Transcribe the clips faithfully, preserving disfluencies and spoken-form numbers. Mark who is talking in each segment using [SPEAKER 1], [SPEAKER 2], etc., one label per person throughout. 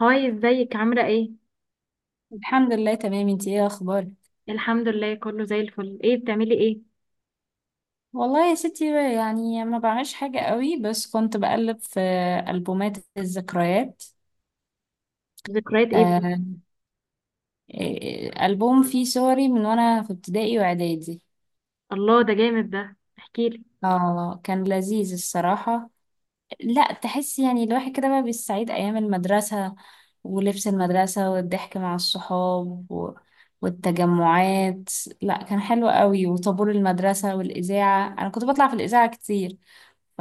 [SPEAKER 1] هاي، ازيك؟ عاملة ايه؟
[SPEAKER 2] الحمد لله، تمام. انتي ايه اخبارك؟
[SPEAKER 1] الحمد لله كله زي الفل. ايه بتعملي ايه؟
[SPEAKER 2] والله يا ستي، يعني ما بعملش حاجة قوي، بس كنت بقلب في ألبومات الذكريات.
[SPEAKER 1] ذكريات ايه بقى؟
[SPEAKER 2] آه، إيه، ألبوم فيه صوري من وانا في ابتدائي واعدادي.
[SPEAKER 1] الله، ده جامد، ده احكيلي.
[SPEAKER 2] اه، كان لذيذ الصراحة. لا، تحس يعني الواحد كده بقى بالسعيد، ايام المدرسة ولبس المدرسة والضحك مع الصحاب و... والتجمعات. لا، كان حلو قوي، وطابور المدرسة والإذاعة. أنا كنت بطلع في الإذاعة كتير. ف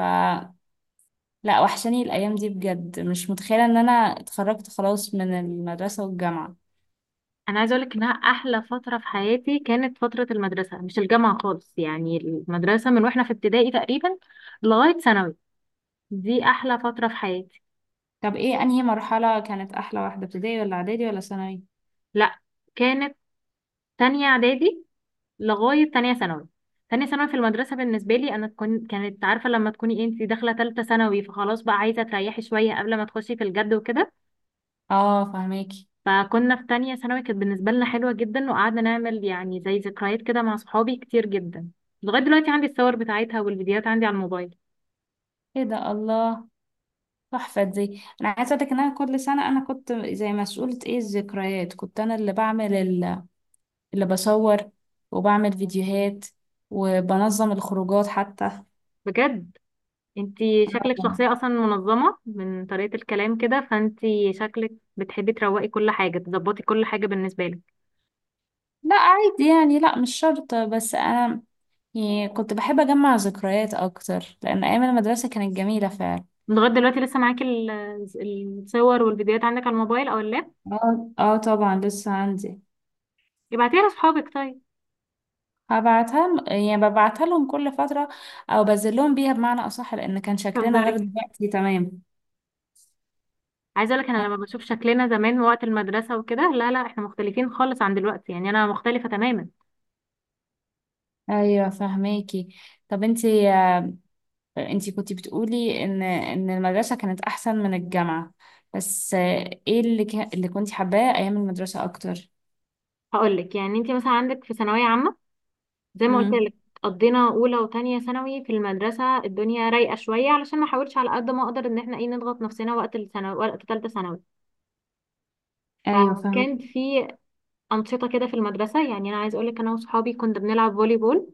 [SPEAKER 2] لا، وحشاني الأيام دي بجد. مش متخيلة إن أنا اتخرجت خلاص من المدرسة والجامعة.
[SPEAKER 1] انا عايزة اقولك انها احلى فترة في حياتي، كانت فترة المدرسة، مش الجامعة خالص. يعني المدرسة من واحنا في ابتدائي تقريبا لغاية ثانوي، دي احلى فترة في حياتي.
[SPEAKER 2] طب إيه أنهي مرحلة كانت أحلى واحدة، ابتدائي ولا إعدادي ولا ثانوي؟
[SPEAKER 1] لا، كانت تانية اعدادي لغاية تانية ثانوي. تانية ثانوي في المدرسة بالنسبة لي أنا تكون كانت عارفة لما تكوني إيه، انتي داخلة تالتة ثانوي فخلاص بقى عايزة تريحي شوية قبل ما تخشي في الجد وكده.
[SPEAKER 2] آه، فهماكي.
[SPEAKER 1] فكنا في تانية ثانوي كانت بالنسبة لنا حلوة جدا، وقعدنا نعمل يعني زي ذكريات كده مع صحابي كتير جدا. لغاية دلوقتي عندي الصور بتاعتها والفيديوهات عندي على الموبايل.
[SPEAKER 2] إيه ده، الله! تحفة دي. أنا عايزة أقولك إن أنا كل سنة أنا كنت زي مسؤولة إيه الذكريات. كنت أنا اللي بعمل ال- اللي بصور، وبعمل فيديوهات، وبنظم الخروجات حتى.
[SPEAKER 1] بجد، انتي شكلك
[SPEAKER 2] طبعا.
[SPEAKER 1] شخصية اصلا منظمة من طريقة الكلام كده، فانتي شكلك بتحبي تروقي كل حاجة، تظبطي كل حاجة بالنسبة لك.
[SPEAKER 2] لا عادي يعني، لا مش شرط، بس أنا يعني كنت بحب أجمع ذكريات أكتر لأن أيام المدرسة كانت جميلة فعلا.
[SPEAKER 1] لغاية دلوقتي لسه معاكي ال- الصور والفيديوهات عندك على الموبايل او اللاب؟
[SPEAKER 2] اه، اه، طبعا لسه عندي.
[SPEAKER 1] ابعتيها لصحابك طيب.
[SPEAKER 2] هبعتها م- يعني ببعتها لهم كل فترة، او بنزل لهم بيها، بمعنى اصح، لان كان شكلنا غير
[SPEAKER 1] تهزري؟
[SPEAKER 2] دلوقتي تمام.
[SPEAKER 1] عايزه اقول لك انا لما بشوف شكلنا زمان وقت المدرسه وكده، لا لا، احنا مختلفين خالص عن دلوقتي، يعني انا مختلفه تماما.
[SPEAKER 2] ايوه، فهماكي. طب انتي انتي كنتي بتقولي ان ان المدرسة كانت احسن من الجامعة. بس آه، ايه اللي ك... اللي كنتي حباه ايام المدرسة اكتر؟
[SPEAKER 1] هقول لك، يعني انت مثلا عندك في ثانويه عامه زي ما قلت
[SPEAKER 2] امم.
[SPEAKER 1] لك، قضينا اولى وتانية ثانوي في المدرسه الدنيا رايقه شويه، علشان ما احاولش على قد ما اقدر ان احنا ايه نضغط نفسنا وقت الثانوي وقت ثالثه ثانوي.
[SPEAKER 2] ايوه، فهمك.
[SPEAKER 1] كان في انشطه كده في المدرسه، يعني انا عايز اقول لك انا وصحابي كنا بنلعب فولي بول،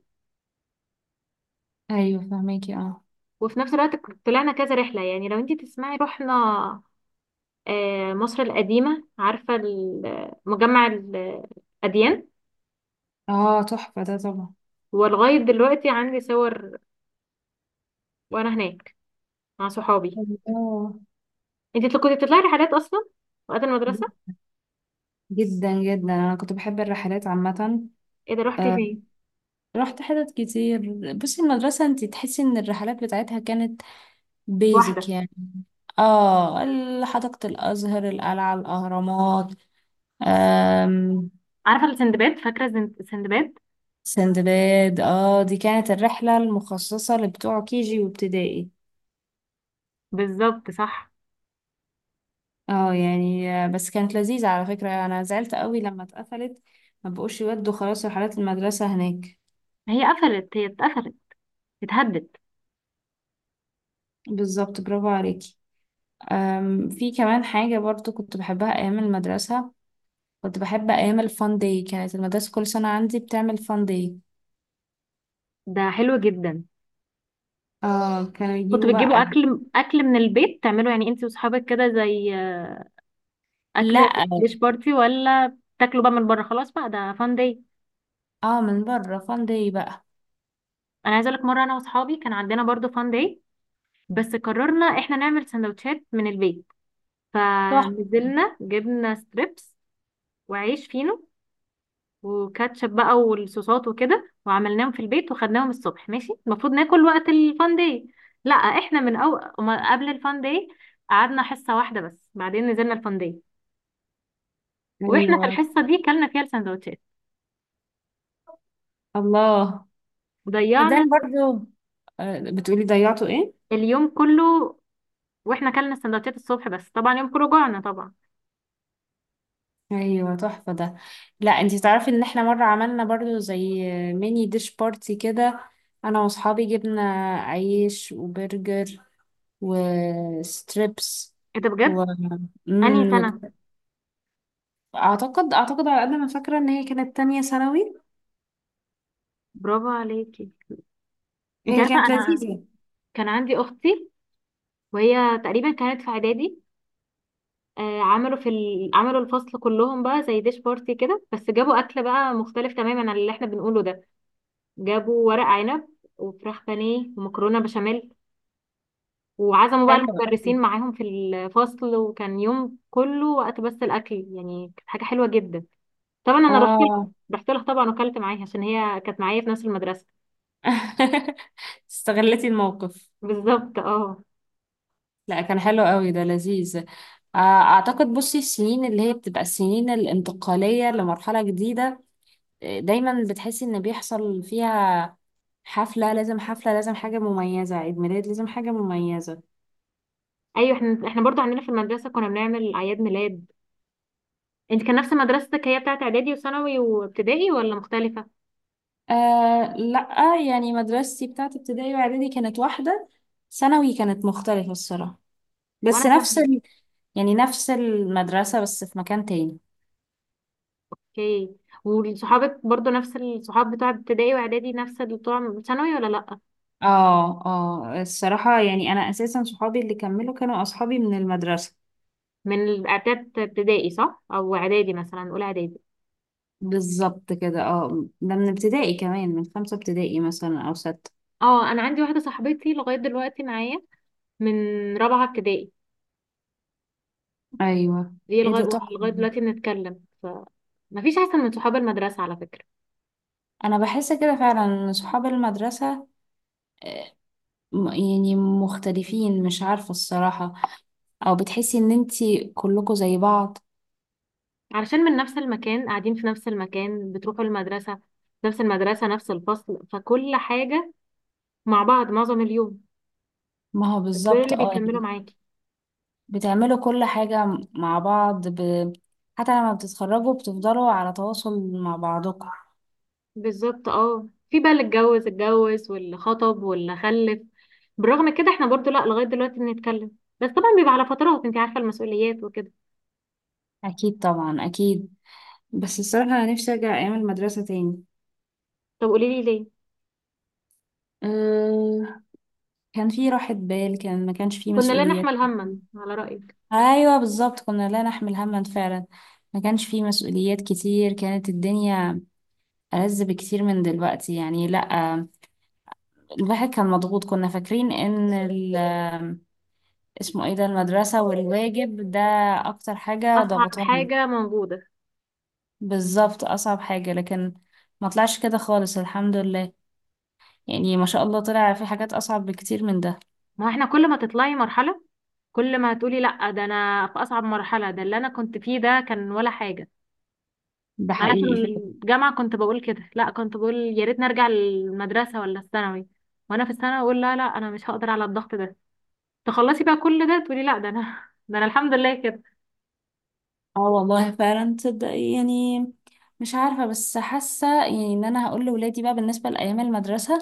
[SPEAKER 2] ايوه، فهماكي، اه.
[SPEAKER 1] وفي نفس الوقت ك- طلعنا كذا رحله. يعني لو انت تسمعي، رحنا آه، مصر القديمه، عارفه ال- مجمع الاديان.
[SPEAKER 2] اه، تحفة ده طبعا.
[SPEAKER 1] ولغايه دلوقتي عندي صور وانا هناك مع صحابي.
[SPEAKER 2] اه،
[SPEAKER 1] انت تل- كنت بتطلعي رحلات اصلا وقت المدرسه؟
[SPEAKER 2] جدا جدا انا كنت بحب الرحلات عامة.
[SPEAKER 1] ايه ده روحتي
[SPEAKER 2] آه،
[SPEAKER 1] فين
[SPEAKER 2] رحت حتت كتير. بصي، المدرسة انتي تحسي ان الرحلات بتاعتها كانت بيزك
[SPEAKER 1] واحده؟
[SPEAKER 2] يعني. اه، ال- حديقة الأزهر، القلعة، الأهرامات. آم،
[SPEAKER 1] عارفه السندباد؟ فاكره الزن- السندباد؟
[SPEAKER 2] سندباد، اه، دي كانت الرحلة المخصصة لبتوع كيجي وابتدائي.
[SPEAKER 1] بالظبط، صح.
[SPEAKER 2] اه يعني، آه، بس كانت لذيذة، على فكرة أنا زعلت قوي لما اتقفلت. ما بقوش يودوا خلاص رحلات المدرسة هناك.
[SPEAKER 1] هي قفلت، هي اتقفلت، اتهدت.
[SPEAKER 2] بالظبط، برافو عليكي. آم، في كمان حاجة برضو كنت بحبها أيام المدرسة. كنت بحب ايام الفان داي، كانت المدرسه كل سنه عندي بتعمل فان داي.
[SPEAKER 1] ده حلو جدا.
[SPEAKER 2] اه، كانوا
[SPEAKER 1] كنتوا
[SPEAKER 2] يجيبوا
[SPEAKER 1] بتجيبوا
[SPEAKER 2] بقى.
[SPEAKER 1] اكل، اكل من البيت، تعملوا يعني انت واصحابك كده زي اكل
[SPEAKER 2] لا،
[SPEAKER 1] ديش بارتي، ولا تاكلوا بقى من بره خلاص بقى ده فان داي؟
[SPEAKER 2] اه، من بره فان داي بقى.
[SPEAKER 1] انا عايزه اقول لك، مره انا واصحابي كان عندنا برضو فان داي، بس قررنا احنا نعمل سندوتشات من البيت.
[SPEAKER 2] صح.
[SPEAKER 1] فنزلنا، جبنا ستريبس وعيش فينو وكاتشب بقى والصوصات وكده، وعملناهم في البيت وخدناهم الصبح. ماشي، المفروض ناكل وقت الفان داي، لا احنا من أو... ما- قبل الفان داي قعدنا حصة واحدة بس، بعدين نزلنا الفان داي. واحنا في
[SPEAKER 2] ايوه،
[SPEAKER 1] الحصة دي كلنا فيها السندوتشات.
[SPEAKER 2] الله. صدقني
[SPEAKER 1] ضيعنا
[SPEAKER 2] برضو. آه، بتقولي ضيعتوا ايه؟
[SPEAKER 1] اليوم كله، واحنا كلنا السندوتشات الصبح، بس طبعا يوم كله جوعنا طبعا.
[SPEAKER 2] ايوه، تحفه ده. لا، انتي تعرفي ان احنا مره عملنا برضو زي ميني ديش بارتي كده. انا واصحابي جبنا عيش وبرجر وستريبس
[SPEAKER 1] ايه ده
[SPEAKER 2] و...
[SPEAKER 1] بجد! انهي
[SPEAKER 2] مم،
[SPEAKER 1] سنة؟
[SPEAKER 2] اعتقد اعتقد، على قد ما فاكره، ان هي كانت تانية ثانوي.
[SPEAKER 1] برافو عليكي. انت
[SPEAKER 2] هي
[SPEAKER 1] عارفة
[SPEAKER 2] كانت
[SPEAKER 1] انا
[SPEAKER 2] لذيذه.
[SPEAKER 1] كان عندي اختي وهي تقريبا كانت في اعدادي، آه، عملوا في ال... عملوا الفصل كلهم بقى زي ديش بارتي كده، بس جابوا اكل بقى مختلف تماما عن اللي احنا بنقوله ده. جابوا ورق عنب وفراخ بانيه ومكرونه بشاميل، وعزموا بقى
[SPEAKER 2] حلوة أوي.
[SPEAKER 1] المدرسين معاهم في الفصل، وكان يوم كله وقت بس الاكل، يعني كانت حاجه حلوه جدا. طبعا انا رحت لها،
[SPEAKER 2] اه.
[SPEAKER 1] رحت لها طبعا وكلت معاها، عشان هي كانت معايا في نفس المدرسه.
[SPEAKER 2] استغلتي الموقف.
[SPEAKER 1] بالظبط اه.
[SPEAKER 2] لا، كان حلو قوي، ده لذيذ. آه، اعتقد، بصي، السنين اللي هي بتبقى السنين الانتقاليه لمرحله جديده. آه، دايما بتحسي ان بيحصل فيها حفله، لازم حفله، لازم حاجه مميزه، عيد ميلاد لازم حاجه مميزه.
[SPEAKER 1] ايوه، احنا احنا برضو عندنا في المدرسه كنا بنعمل اعياد ميلاد. انت كان نفس مدرستك هي بتاعت اعدادي وثانوي وابتدائي، ولا مختلفه؟
[SPEAKER 2] آه، لا يعني مدرستي بتاعت ابتدائي واعدادي كانت واحده. ثانوي كانت مختلفه الصراحه.
[SPEAKER 1] وانا
[SPEAKER 2] بس نفس
[SPEAKER 1] كان.
[SPEAKER 2] يعني نفس المدرسة بس في مكان تاني.
[SPEAKER 1] اوكي. وصحابك برضو نفس الصحاب بتوع ابتدائي واعدادي نفس اللي بتوع ثانوي، ولا لأ؟
[SPEAKER 2] اه، اه، الصراحة يعني، انا اساسا صحابي اللي كملوا كانوا اصحابي من المدرسة.
[SPEAKER 1] من الاعداد ابتدائي صح، او اعدادي مثلا اولى اعدادي؟
[SPEAKER 2] بالظبط كده، اه. ده من ابتدائي كمان، من خمسة ابتدائي مثلا أو ستة.
[SPEAKER 1] اه، انا عندي واحده صاحبتي لغايه دلوقتي معايا من رابعه ابتدائي.
[SPEAKER 2] ايوه.
[SPEAKER 1] دي
[SPEAKER 2] ايه
[SPEAKER 1] لغايه،
[SPEAKER 2] ده، تحفة
[SPEAKER 1] لغايه
[SPEAKER 2] دي.
[SPEAKER 1] دلوقتي بنتكلم. فمفيش احسن من صحاب المدرسه على فكره.
[SPEAKER 2] أنا بحس كده فعلا إن صحاب المدرسة، م- يعني مختلفين، مش عارفة الصراحة. أو بتحسي إن انتي كلكوا زي بعض.
[SPEAKER 1] علشان من نفس المكان، قاعدين في نفس المكان، بتروحوا المدرسه نفس المدرسه نفس الفصل، فكل حاجه مع بعض معظم اليوم.
[SPEAKER 2] ما هو
[SPEAKER 1] دول
[SPEAKER 2] بالظبط،
[SPEAKER 1] اللي
[SPEAKER 2] اه.
[SPEAKER 1] بيكملوا معاكي.
[SPEAKER 2] بتعملوا كل حاجة مع بعض. ب... حتى لما بتتخرجوا بتفضلوا على تواصل مع بعضكم.
[SPEAKER 1] بالظبط اه، في بقى اللي اتجوز اتجوز، واللي خطب، واللي خلف. بالرغم كده احنا برضو لا، لغاية دلوقتي بنتكلم، بس طبعا بيبقى على فترات. انت عارفة المسؤوليات وكده.
[SPEAKER 2] أكيد، طبعا، أكيد. بس الصراحة أنا نفسي أرجع أيام المدرسة تاني.
[SPEAKER 1] طب قولي لي ليه.
[SPEAKER 2] أه... كان في راحة بال، كان ما كانش في
[SPEAKER 1] كنا لا
[SPEAKER 2] مسؤوليات
[SPEAKER 1] نحمل هما
[SPEAKER 2] كتير.
[SPEAKER 1] على رأيك.
[SPEAKER 2] أيوة بالظبط، كنا لا نحمل هما فعلا. ما كانش في مسؤوليات كتير، كانت الدنيا ألذ بكتير من دلوقتي يعني. لأ، الواحد كان مضغوط. كنا فاكرين إن ال... اسمه ايه ده، المدرسة والواجب ده، اكتر حاجة
[SPEAKER 1] أصعب
[SPEAKER 2] ضغطاني.
[SPEAKER 1] حاجة موجودة.
[SPEAKER 2] بالظبط، اصعب حاجة. لكن ما طلعش كده خالص الحمد لله. يعني ما شاء الله، طلع في حاجات اصعب بكتير من ده.
[SPEAKER 1] ما هو احنا كل ما تطلعي مرحلة كل ما هتقولي لا، ده انا في أصعب مرحلة، ده اللي انا كنت فيه ده كان ولا حاجة.
[SPEAKER 2] ده
[SPEAKER 1] انا في
[SPEAKER 2] حقيقي فعلا.
[SPEAKER 1] الجامعة كنت بقول كده، لا، كنت بقول يا ريت نرجع للمدرسة ولا الثانوي. وانا في الثانوي اقول لا لا، انا مش هقدر على الضغط ده. تخلصي بقى كل ده تقولي لا، ده انا ده انا الحمد لله كده.
[SPEAKER 2] اه والله، فعلا، تصدق يعني. مش عارفة، بس حاسة يعني ان انا هقول لولادي بقى بالنسبة لأيام المدرسة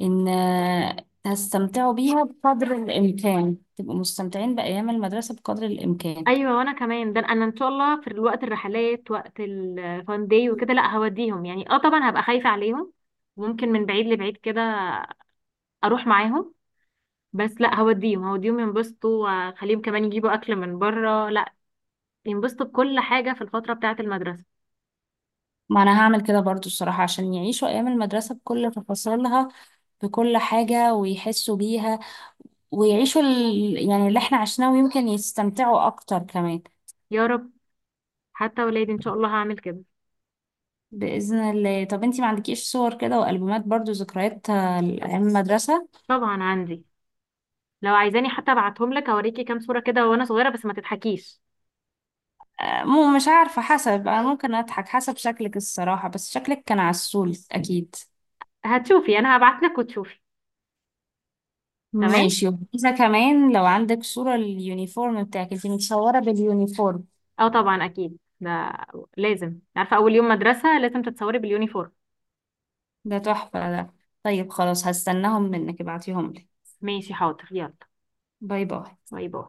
[SPEAKER 2] ان آه، هستمتعوا بيها بقدر الامكان. تبقوا مستمتعين بأيام المدرسة بقدر الامكان.
[SPEAKER 1] ايوه، وانا كمان، ده انا ان شاء الله في وقت الرحلات وقت الفان داي وكده، لا هوديهم. يعني اه طبعا هبقى خايفه عليهم، وممكن من بعيد لبعيد كده اروح معاهم، بس لا هوديهم، هوديهم ينبسطوا، واخليهم كمان يجيبوا اكل من بره. لا، ينبسطوا بكل حاجه في الفتره بتاعه المدرسه.
[SPEAKER 2] ما انا هعمل كده برضو الصراحة، عشان يعيشوا ايام المدرسة بكل تفاصيلها، في كل حاجة، ويحسوا بيها، ويعيشوا ال... يعني اللي احنا عشناه، ويمكن يستمتعوا أكتر كمان.
[SPEAKER 1] يا رب، حتى ولادي ان شاء الله هعمل كده.
[SPEAKER 2] بإذن الله. طب انتي ما عندكيش صور كده وألبومات برضو، ذكريات آه، أيام المدرسة؟
[SPEAKER 1] طبعا عندي، لو عايزاني حتى ابعتهم لك، اوريكي كام صوره كده وانا صغيره، بس ما تضحكيش.
[SPEAKER 2] آه، مو مش عارفة، حسب. أنا ممكن أضحك حسب شكلك الصراحة، بس شكلك كان عسول أكيد.
[SPEAKER 1] هتشوفي، انا هبعت لك وتشوفي. تمام.
[SPEAKER 2] ماشي. وإذا كمان لو عندك صورة اليونيفورم بتاعك، انتي متصورة باليونيفورم؟
[SPEAKER 1] اه طبعا اكيد ده لازم، عارفه اول يوم مدرسه لازم تتصوري باليونيفورم.
[SPEAKER 2] ده تحفة ده. طيب خلاص، هستناهم منك، ابعتيهم لي.
[SPEAKER 1] ماشي، حاضر، يلا.
[SPEAKER 2] باي باي.
[SPEAKER 1] باي باي.